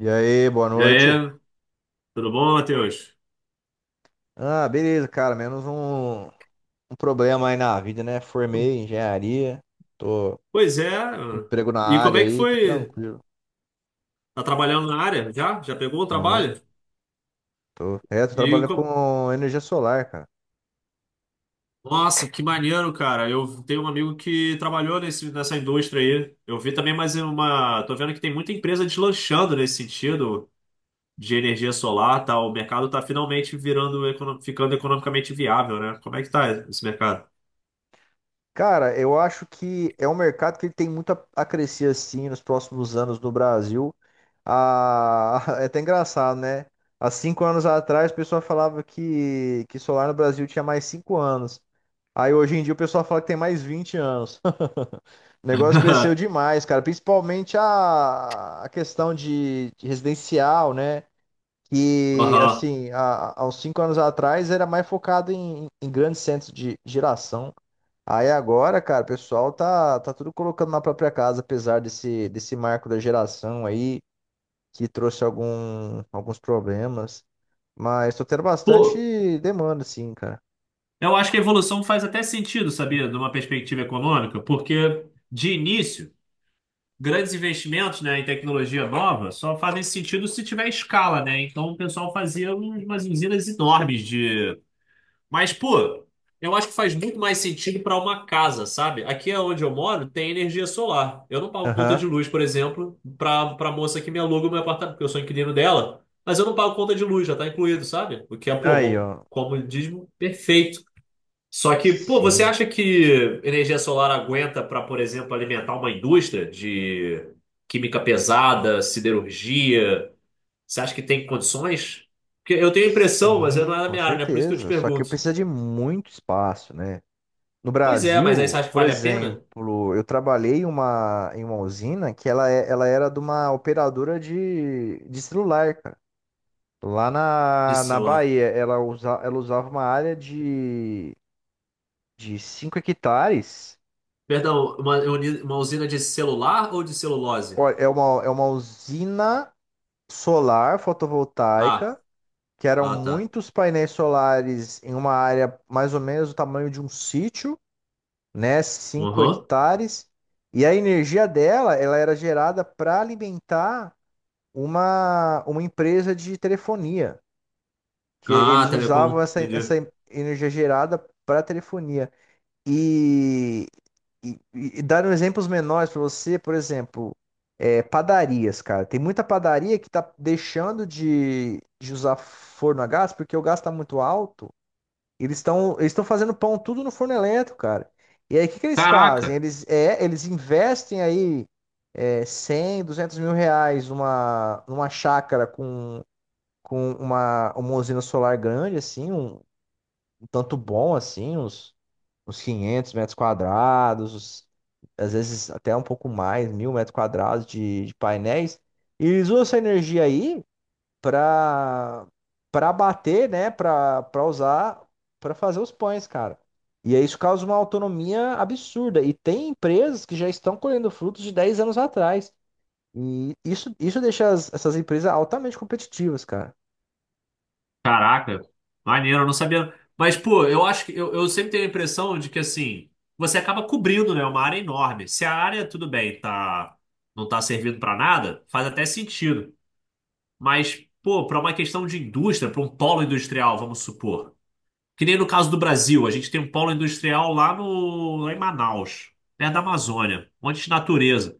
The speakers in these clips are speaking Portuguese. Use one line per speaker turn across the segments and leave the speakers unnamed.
E aí, boa
E
noite.
aí, tudo bom, Matheus?
Ah, beleza, cara. Menos um problema aí na vida, né? Formei em engenharia, tô
Pois é.
com emprego na
E como
área
é que
aí, tô
foi?
tranquilo.
Tá trabalhando na área? Já? Já pegou o
Tô,
trabalho?
tô. É, tô
E
trabalhando
co-
com energia solar, cara.
Nossa, que maneiro, cara. Eu tenho um amigo que trabalhou nessa indústria aí. Eu vi também mais uma. Tô vendo que tem muita empresa deslanchando nesse sentido de energia solar, tá? O mercado tá finalmente virando, ficando economicamente viável, né? Como é que tá esse mercado?
Cara, eu acho que é um mercado que ele tem muito a crescer assim nos próximos anos no Brasil. Ah, é até engraçado, né? Há 5 anos atrás, o pessoal falava que solar no Brasil tinha mais 5 anos. Aí hoje em dia o pessoal fala que tem mais 20 anos. O negócio cresceu demais, cara. Principalmente a questão de residencial, né? Que,
Aham.
assim, há uns 5 anos atrás era mais focado em grandes centros de geração. Aí agora, cara, o pessoal tá tudo colocando na própria casa, apesar desse marco da geração aí, que trouxe alguns problemas. Mas tô tendo
Pô,
bastante demanda, sim, cara.
eu acho que a evolução faz até sentido, sabia, de uma perspectiva econômica, porque de início, grandes investimentos, né, em tecnologia nova só fazem sentido se tiver escala, né? Então o pessoal fazia umas usinas enormes de. Mas, pô, eu acho que faz muito mais sentido para uma casa, sabe? Aqui é onde eu moro tem energia solar. Eu não pago conta
Aham.
de luz, por exemplo, para moça que me aluga o meu apartamento, porque eu sou inquilino dela, mas eu não pago conta de luz, já tá incluído, sabe? O que é, pô,
Aí,
bom,
ó.
como diz, perfeito. Só que, pô, você
Sim.
acha que energia solar aguenta para, por exemplo, alimentar uma indústria de química pesada, siderurgia? Você acha que tem condições? Porque eu tenho a impressão, mas eu não
Sim,
é da
com
minha área, né? Por isso que eu te
certeza. Só que
pergunto.
precisa de muito espaço, né? No
Pois é, mas aí você
Brasil,
acha que
por
vale a pena?
exemplo, eu trabalhei em uma usina que ela era de uma operadora de celular, cara. Lá
De
na
celular.
Bahia, ela usava uma área de 5 hectares.
Perdão, uma usina de celular ou de celulose?
Ó, é uma usina solar
Ah,
fotovoltaica, que eram
ah, tá.
muitos painéis solares em uma área mais ou menos do tamanho de um sítio, né? cinco
Uhum.
hectares. E a energia dela, ela era gerada para alimentar uma empresa de telefonia, que
Ah,
eles usavam
telecom.
essa
Entendi.
energia gerada para telefonia. E, e dando exemplos menores para você, por exemplo, padarias, cara. Tem muita padaria que tá deixando de usar forno a gás porque o gás está muito alto. Eles estão fazendo pão tudo no forno elétrico, cara. E aí, o que que eles fazem?
Caraca!
Eles investem aí 100, 200 mil reais numa chácara com uma usina solar grande, assim, um tanto bom, assim, uns 500 metros quadrados, às vezes até um pouco mais, 1000 metros quadrados de painéis. E eles usam essa energia aí para para bater, né, para usar para fazer os pães, cara. E aí isso causa uma autonomia absurda. E tem empresas que já estão colhendo frutos de 10 anos atrás. E isso deixa essas empresas altamente competitivas, cara.
Caraca, maneiro, eu não sabia. Mas, pô, eu acho que eu sempre tenho a impressão de que assim, você acaba cobrindo, né, uma área enorme. Se a área, tudo bem, tá, não tá servindo pra nada, faz até sentido. Mas, pô, pra uma questão de indústria, pra um polo industrial, vamos supor. Que nem no caso do Brasil, a gente tem um polo industrial lá no, lá em Manaus, perto da Amazônia, um monte de natureza.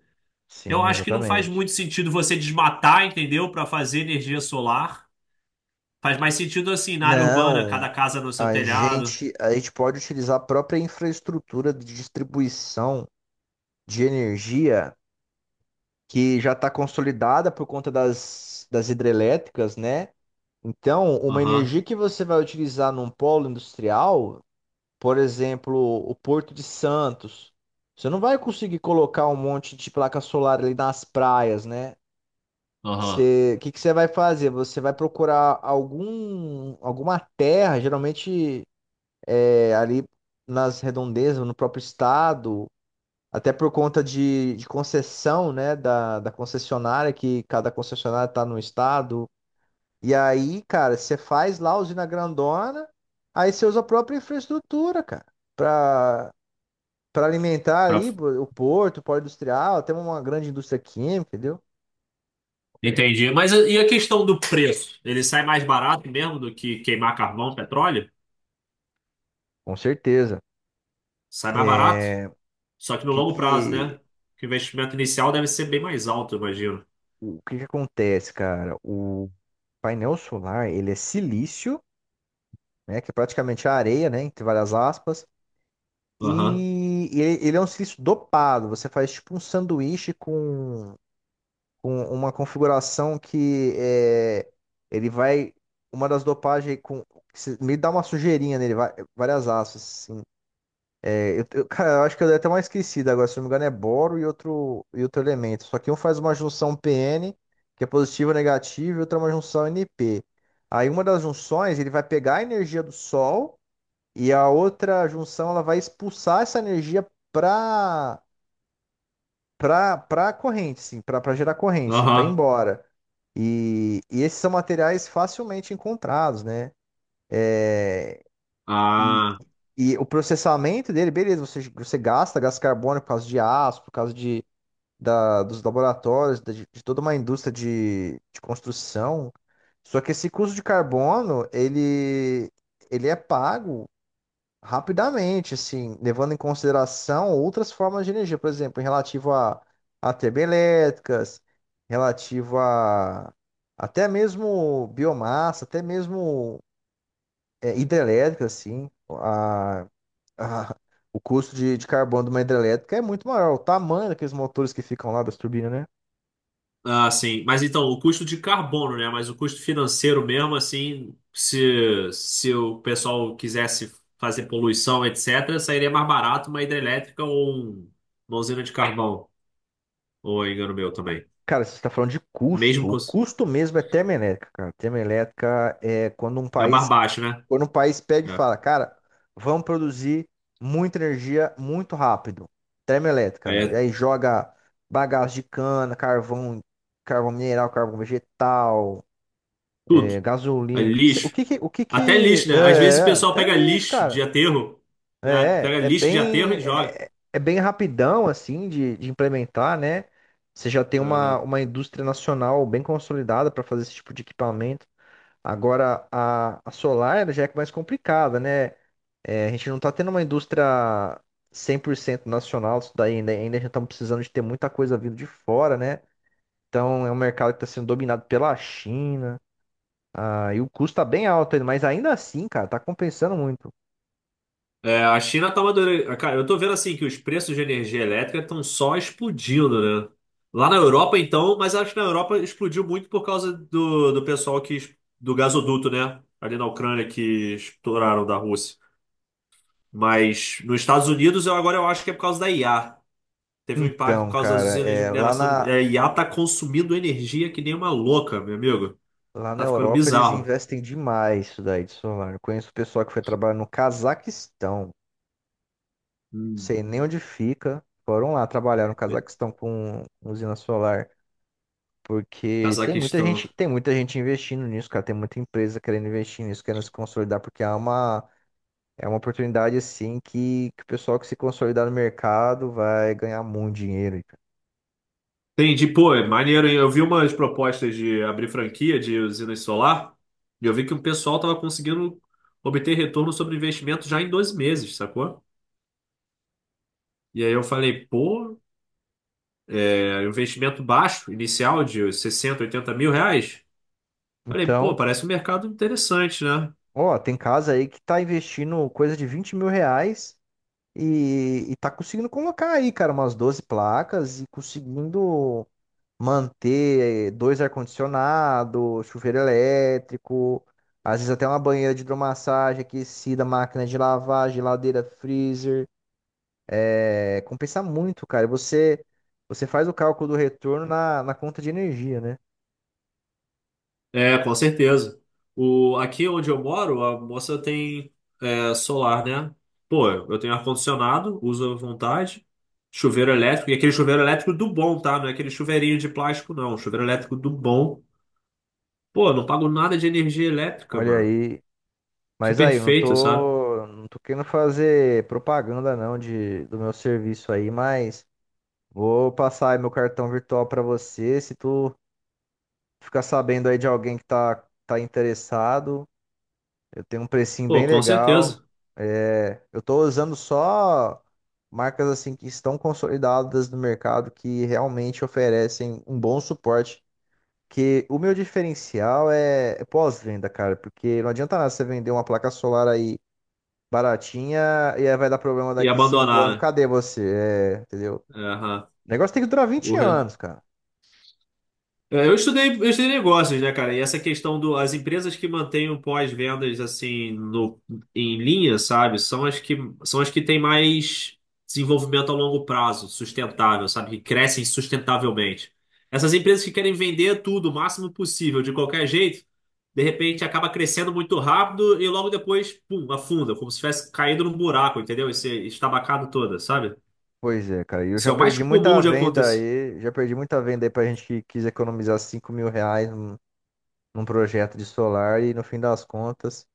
Eu
Sim,
acho que não faz muito
exatamente.
sentido você desmatar, entendeu, pra fazer energia solar. Faz mais sentido assim, na área urbana, cada
Não,
casa no seu
a
telhado.
gente, a gente pode utilizar a própria infraestrutura de distribuição de energia que já está consolidada por conta das hidrelétricas, né? Então, uma
Aham,
energia que você vai utilizar num polo industrial, por exemplo, o Porto de Santos, você não vai conseguir colocar um monte de placa solar ali nas praias, né?
aham.
O que que você vai fazer? Você vai procurar alguma terra, geralmente ali nas redondezas, no próprio estado, até por conta de concessão, né, da concessionária, que cada concessionária está no estado. E aí, cara, você faz lá a usina grandona, aí você usa a própria infraestrutura, cara, para para alimentar
Pra-
ali pô, o porto, o polo industrial, até uma grande indústria química, entendeu?
Entendi. Mas e a questão do preço? Ele sai mais barato mesmo do que queimar carvão, petróleo?
Com certeza.
Sai mais barato?
É,
Só que no
que
longo prazo,
que,
né? Que o investimento inicial deve ser bem mais alto, eu imagino.
o que que acontece, cara? O painel solar, ele é silício, né, que é praticamente a areia, né, entre várias aspas,
Aham,
e ele é um silício dopado. Você faz tipo um sanduíche com uma configuração que é, ele vai. Uma das dopagens com. Me dá uma sujeirinha nele, várias asas, assim. Cara, eu acho que eu dei até uma esquecida agora, se não me engano, é boro e outro elemento. Só que um faz uma junção PN, que é positivo ou negativo, e outra é uma junção NP. Aí uma das junções, ele vai pegar a energia do Sol, e a outra junção, ela vai expulsar essa energia para para corrente, sim, para gerar corrente, para ir
aham.
embora. E esses são materiais facilmente encontrados, né? E,
Ah.
e o processamento dele, beleza, você gasta gás carbônico por causa de aço, por causa dos laboratórios, de toda uma indústria de construção. Só que esse custo de carbono, ele é pago, rapidamente, assim, levando em consideração outras formas de energia, por exemplo, em relativo a termoelétricas, relativo a até mesmo biomassa, até mesmo hidrelétrica, assim, a- o custo de carbono de uma hidrelétrica é muito maior, o tamanho daqueles motores que ficam lá das turbinas, né?
Ah, sim. Mas então, o custo de carbono, né? Mas o custo financeiro mesmo, assim, se o pessoal quisesse fazer poluição, etc., sairia mais barato uma hidrelétrica ou uma usina de carvão. Ou é engano meu também.
Cara, você está falando de
Mesmo
custo. O
com...
custo mesmo é termoelétrica, cara. Termoelétrica é quando um
É mais
país,
baixo, né?
quando um país pega e
É.
fala, cara, vamos produzir muita energia muito rápido.
Aí
Termoelétrica. E
é
aí joga bagaço de cana, carvão, carvão mineral, carvão vegetal,
tudo. É
gasolina.
lixo.
O que
Até
que-
lixo, né? Às vezes
é,
o pessoal
Até
pega
lixo,
lixo de
cara.
aterro,
É,
pega
é
lixo de aterro
bem,
e joga.
é, é bem rapidão, assim, de implementar, né? Você já tem uma,
Aham.
uma indústria nacional bem consolidada para fazer esse tipo de equipamento. Agora, a solar ela já é mais complicada, né? É, a gente não está tendo uma indústria 100% nacional, isso daí ainda, a gente está precisando de ter muita coisa vindo de fora, né? Então, é um mercado que está sendo dominado pela China, e o custo está bem alto, ainda, mas ainda assim, cara, tá compensando muito.
É, a China tá madurando. Ah, cara, eu tô vendo assim que os preços de energia elétrica estão só explodindo, né? Lá na Europa, então, mas acho que na Europa explodiu muito por causa do pessoal que, do gasoduto, né? Ali na Ucrânia que estouraram da Rússia. Mas nos Estados Unidos, eu agora eu acho que é por causa da IA. Teve um impacto por
Então,
causa das
cara,
usinas de mineração. A IA tá consumindo energia que nem uma louca, meu amigo.
Lá na
Tá ficando
Europa eles
bizarro.
investem demais isso daí de solar. Eu conheço o pessoal que foi trabalhar no Cazaquistão. Não
Hum.
sei nem onde fica. Foram lá trabalhar no Cazaquistão com usina solar. Porque tem muita
Cazaquistão.
gente, tem muita gente investindo nisso, cara. Tem muita empresa querendo investir nisso, querendo se consolidar, porque é uma oportunidade assim que o pessoal que se consolidar no mercado vai ganhar muito dinheiro.
Entendi, pô, é maneiro, hein? Eu vi umas propostas de abrir franquia de usinas solar e eu vi que o pessoal tava conseguindo obter retorno sobre investimento já em 12 meses, sacou? E aí eu falei, pô, é, investimento baixo, inicial de 60, 80 mil reais. Falei, pô,
Então,
parece um mercado interessante, né?
ó, tem casa aí que tá investindo coisa de R$ 20.000. E tá conseguindo colocar aí, cara, umas 12 placas e conseguindo manter dois ar-condicionado, chuveiro elétrico, às vezes até uma banheira de hidromassagem aquecida, máquina de lavar, geladeira, freezer. É, compensa muito, cara. E você faz o cálculo do retorno na conta de energia, né?
É, com certeza. Aqui onde eu moro, a moça tem solar, né? Pô, eu tenho ar-condicionado, uso à vontade, chuveiro elétrico, e aquele chuveiro elétrico do bom, tá? Não é aquele chuveirinho de plástico, não. Chuveiro elétrico do bom. Pô, eu não pago nada de energia elétrica,
Olha
mano.
aí.
Que
Mas aí, eu não
perfeito, sabe?
tô, não tô querendo fazer propaganda não do meu serviço aí, mas. Vou passar aí meu cartão virtual pra você. Se tu ficar sabendo aí de alguém que tá interessado, eu tenho um precinho
Pô,
bem
com
legal.
certeza.
É, eu tô usando só marcas assim que estão consolidadas no mercado, que realmente oferecem um bom suporte. Que o meu diferencial é pós-venda, cara, porque não adianta nada você vender uma placa solar aí baratinha e aí vai dar problema
E
daqui cinco
abandonar,
anos.
né?
Cadê você? É, entendeu?
É, aham.
O negócio tem que durar 20
O re-
anos, cara.
É, eu estudei negócios, né, cara? E essa questão do, as empresas que mantêm o pós-vendas assim no, em linha, sabe? São as que têm mais desenvolvimento a longo prazo, sustentável, sabe? Que crescem sustentavelmente. Essas empresas que querem vender tudo o máximo possível, de qualquer jeito, de repente acaba crescendo muito rápido e logo depois, pum, afunda, como se tivesse caído num buraco, entendeu? Esse estabacado toda, sabe?
Pois é, cara. E eu
Isso
já
é o mais
perdi muita
comum de
venda
acontecer.
aí. Já perdi muita venda aí pra gente que quis economizar R$ 5.000 num projeto de solar. E no fim das contas,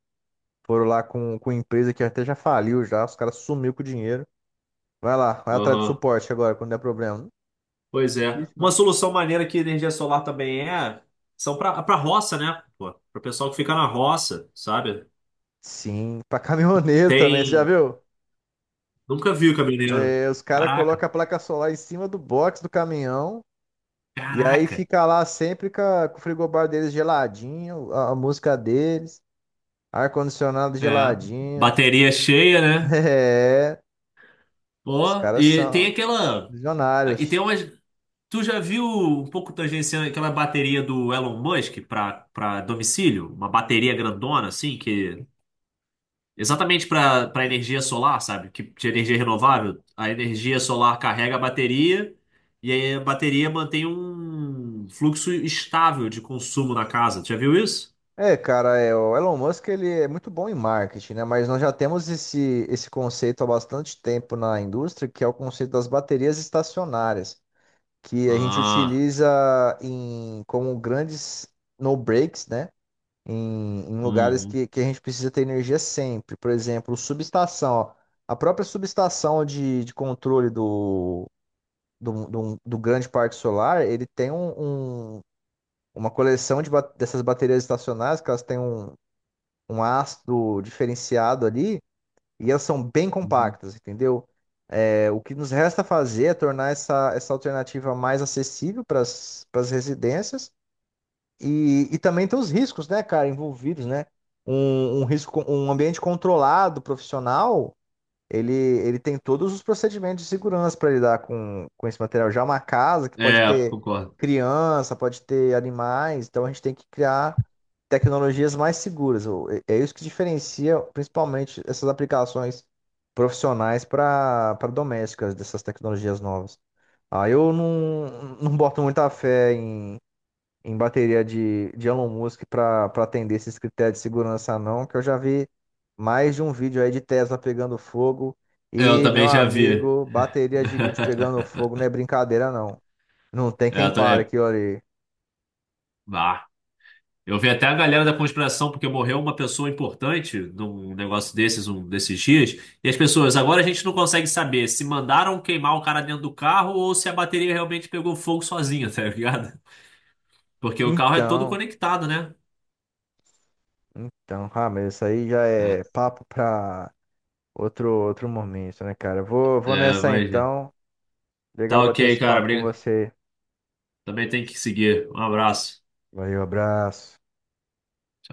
foram lá com empresa que até já faliu já. Os caras sumiu com o dinheiro. Vai lá, vai atrás de
Aham.
suporte agora, quando der problema.
Pois é.
Difícil,
Uma
mano.
solução maneira que energia solar também é, são para roça, né? Pô, para o pessoal que fica na roça, sabe?
Sim, pra caminhoneiro também, você já
Tem.
viu?
Nunca vi o caminhoneiro.
É, os caras
Caraca,
colocam a placa solar em cima do box do caminhão. E aí
caraca.
fica lá sempre com o frigobar deles geladinho, a música deles, ar-condicionado
É,
geladinho.
bateria cheia, né?
É, os
Pô,
caras
e tem
são
aquela. E tem
visionários.
umas. Tu já viu um pouco tangenciando aquela bateria do Elon Musk para domicílio? Uma bateria grandona, assim, que exatamente para energia solar, sabe? Que de energia renovável, a energia solar carrega a bateria e aí a bateria mantém um fluxo estável de consumo na casa. Já viu isso?
É, cara, o Elon Musk ele é muito bom em marketing, né? Mas nós já temos esse conceito há bastante tempo na indústria, que é o conceito das baterias estacionárias, que a gente
Ah,
utiliza em como grandes no breaks, né? Em lugares
uhum,
que a gente precisa ter energia sempre. Por exemplo, subestação. Ó. A própria subestação de controle do grande parque solar, ele tem uma coleção de dessas baterias estacionárias, que elas têm um ácido diferenciado ali, e elas são bem
uhum.
compactas, entendeu? É, o que nos resta fazer é tornar essa alternativa mais acessível para as residências e também tem os riscos, né, cara, envolvidos, né? Um ambiente controlado, profissional, ele tem todos os procedimentos de segurança para lidar com esse material. Já é uma casa que pode
É,
ter
concordo.
criança, pode ter animais, então a gente tem que criar tecnologias mais seguras. É isso que diferencia principalmente essas aplicações profissionais para domésticas dessas tecnologias novas. Ah, eu não boto muita fé em bateria de Elon Musk para atender esses critérios de segurança, não, que eu já vi mais de um vídeo aí de Tesla pegando fogo
Eu
e, meu
também já vi.
amigo, bateria de lítio pegando fogo não é brincadeira, não. Não tem
É,
quem
eu tô-
pare
é,
aqui, olha.
ah, eu vi até a galera da conspiração, porque morreu uma pessoa importante num negócio desses, um desses dias, e as pessoas, agora a gente não consegue saber se mandaram queimar o cara dentro do carro ou se a bateria realmente pegou fogo sozinha, tá ligado? Porque o carro é todo
Então,
conectado, né?
então, mas isso aí já
É,
é papo para outro momento, né, cara? Vou nessa
mas
então. Legal
tá
bater
ok,
esse
cara.
papo com
Briga.
você.
Também tem que seguir. Um abraço.
Valeu, abraço.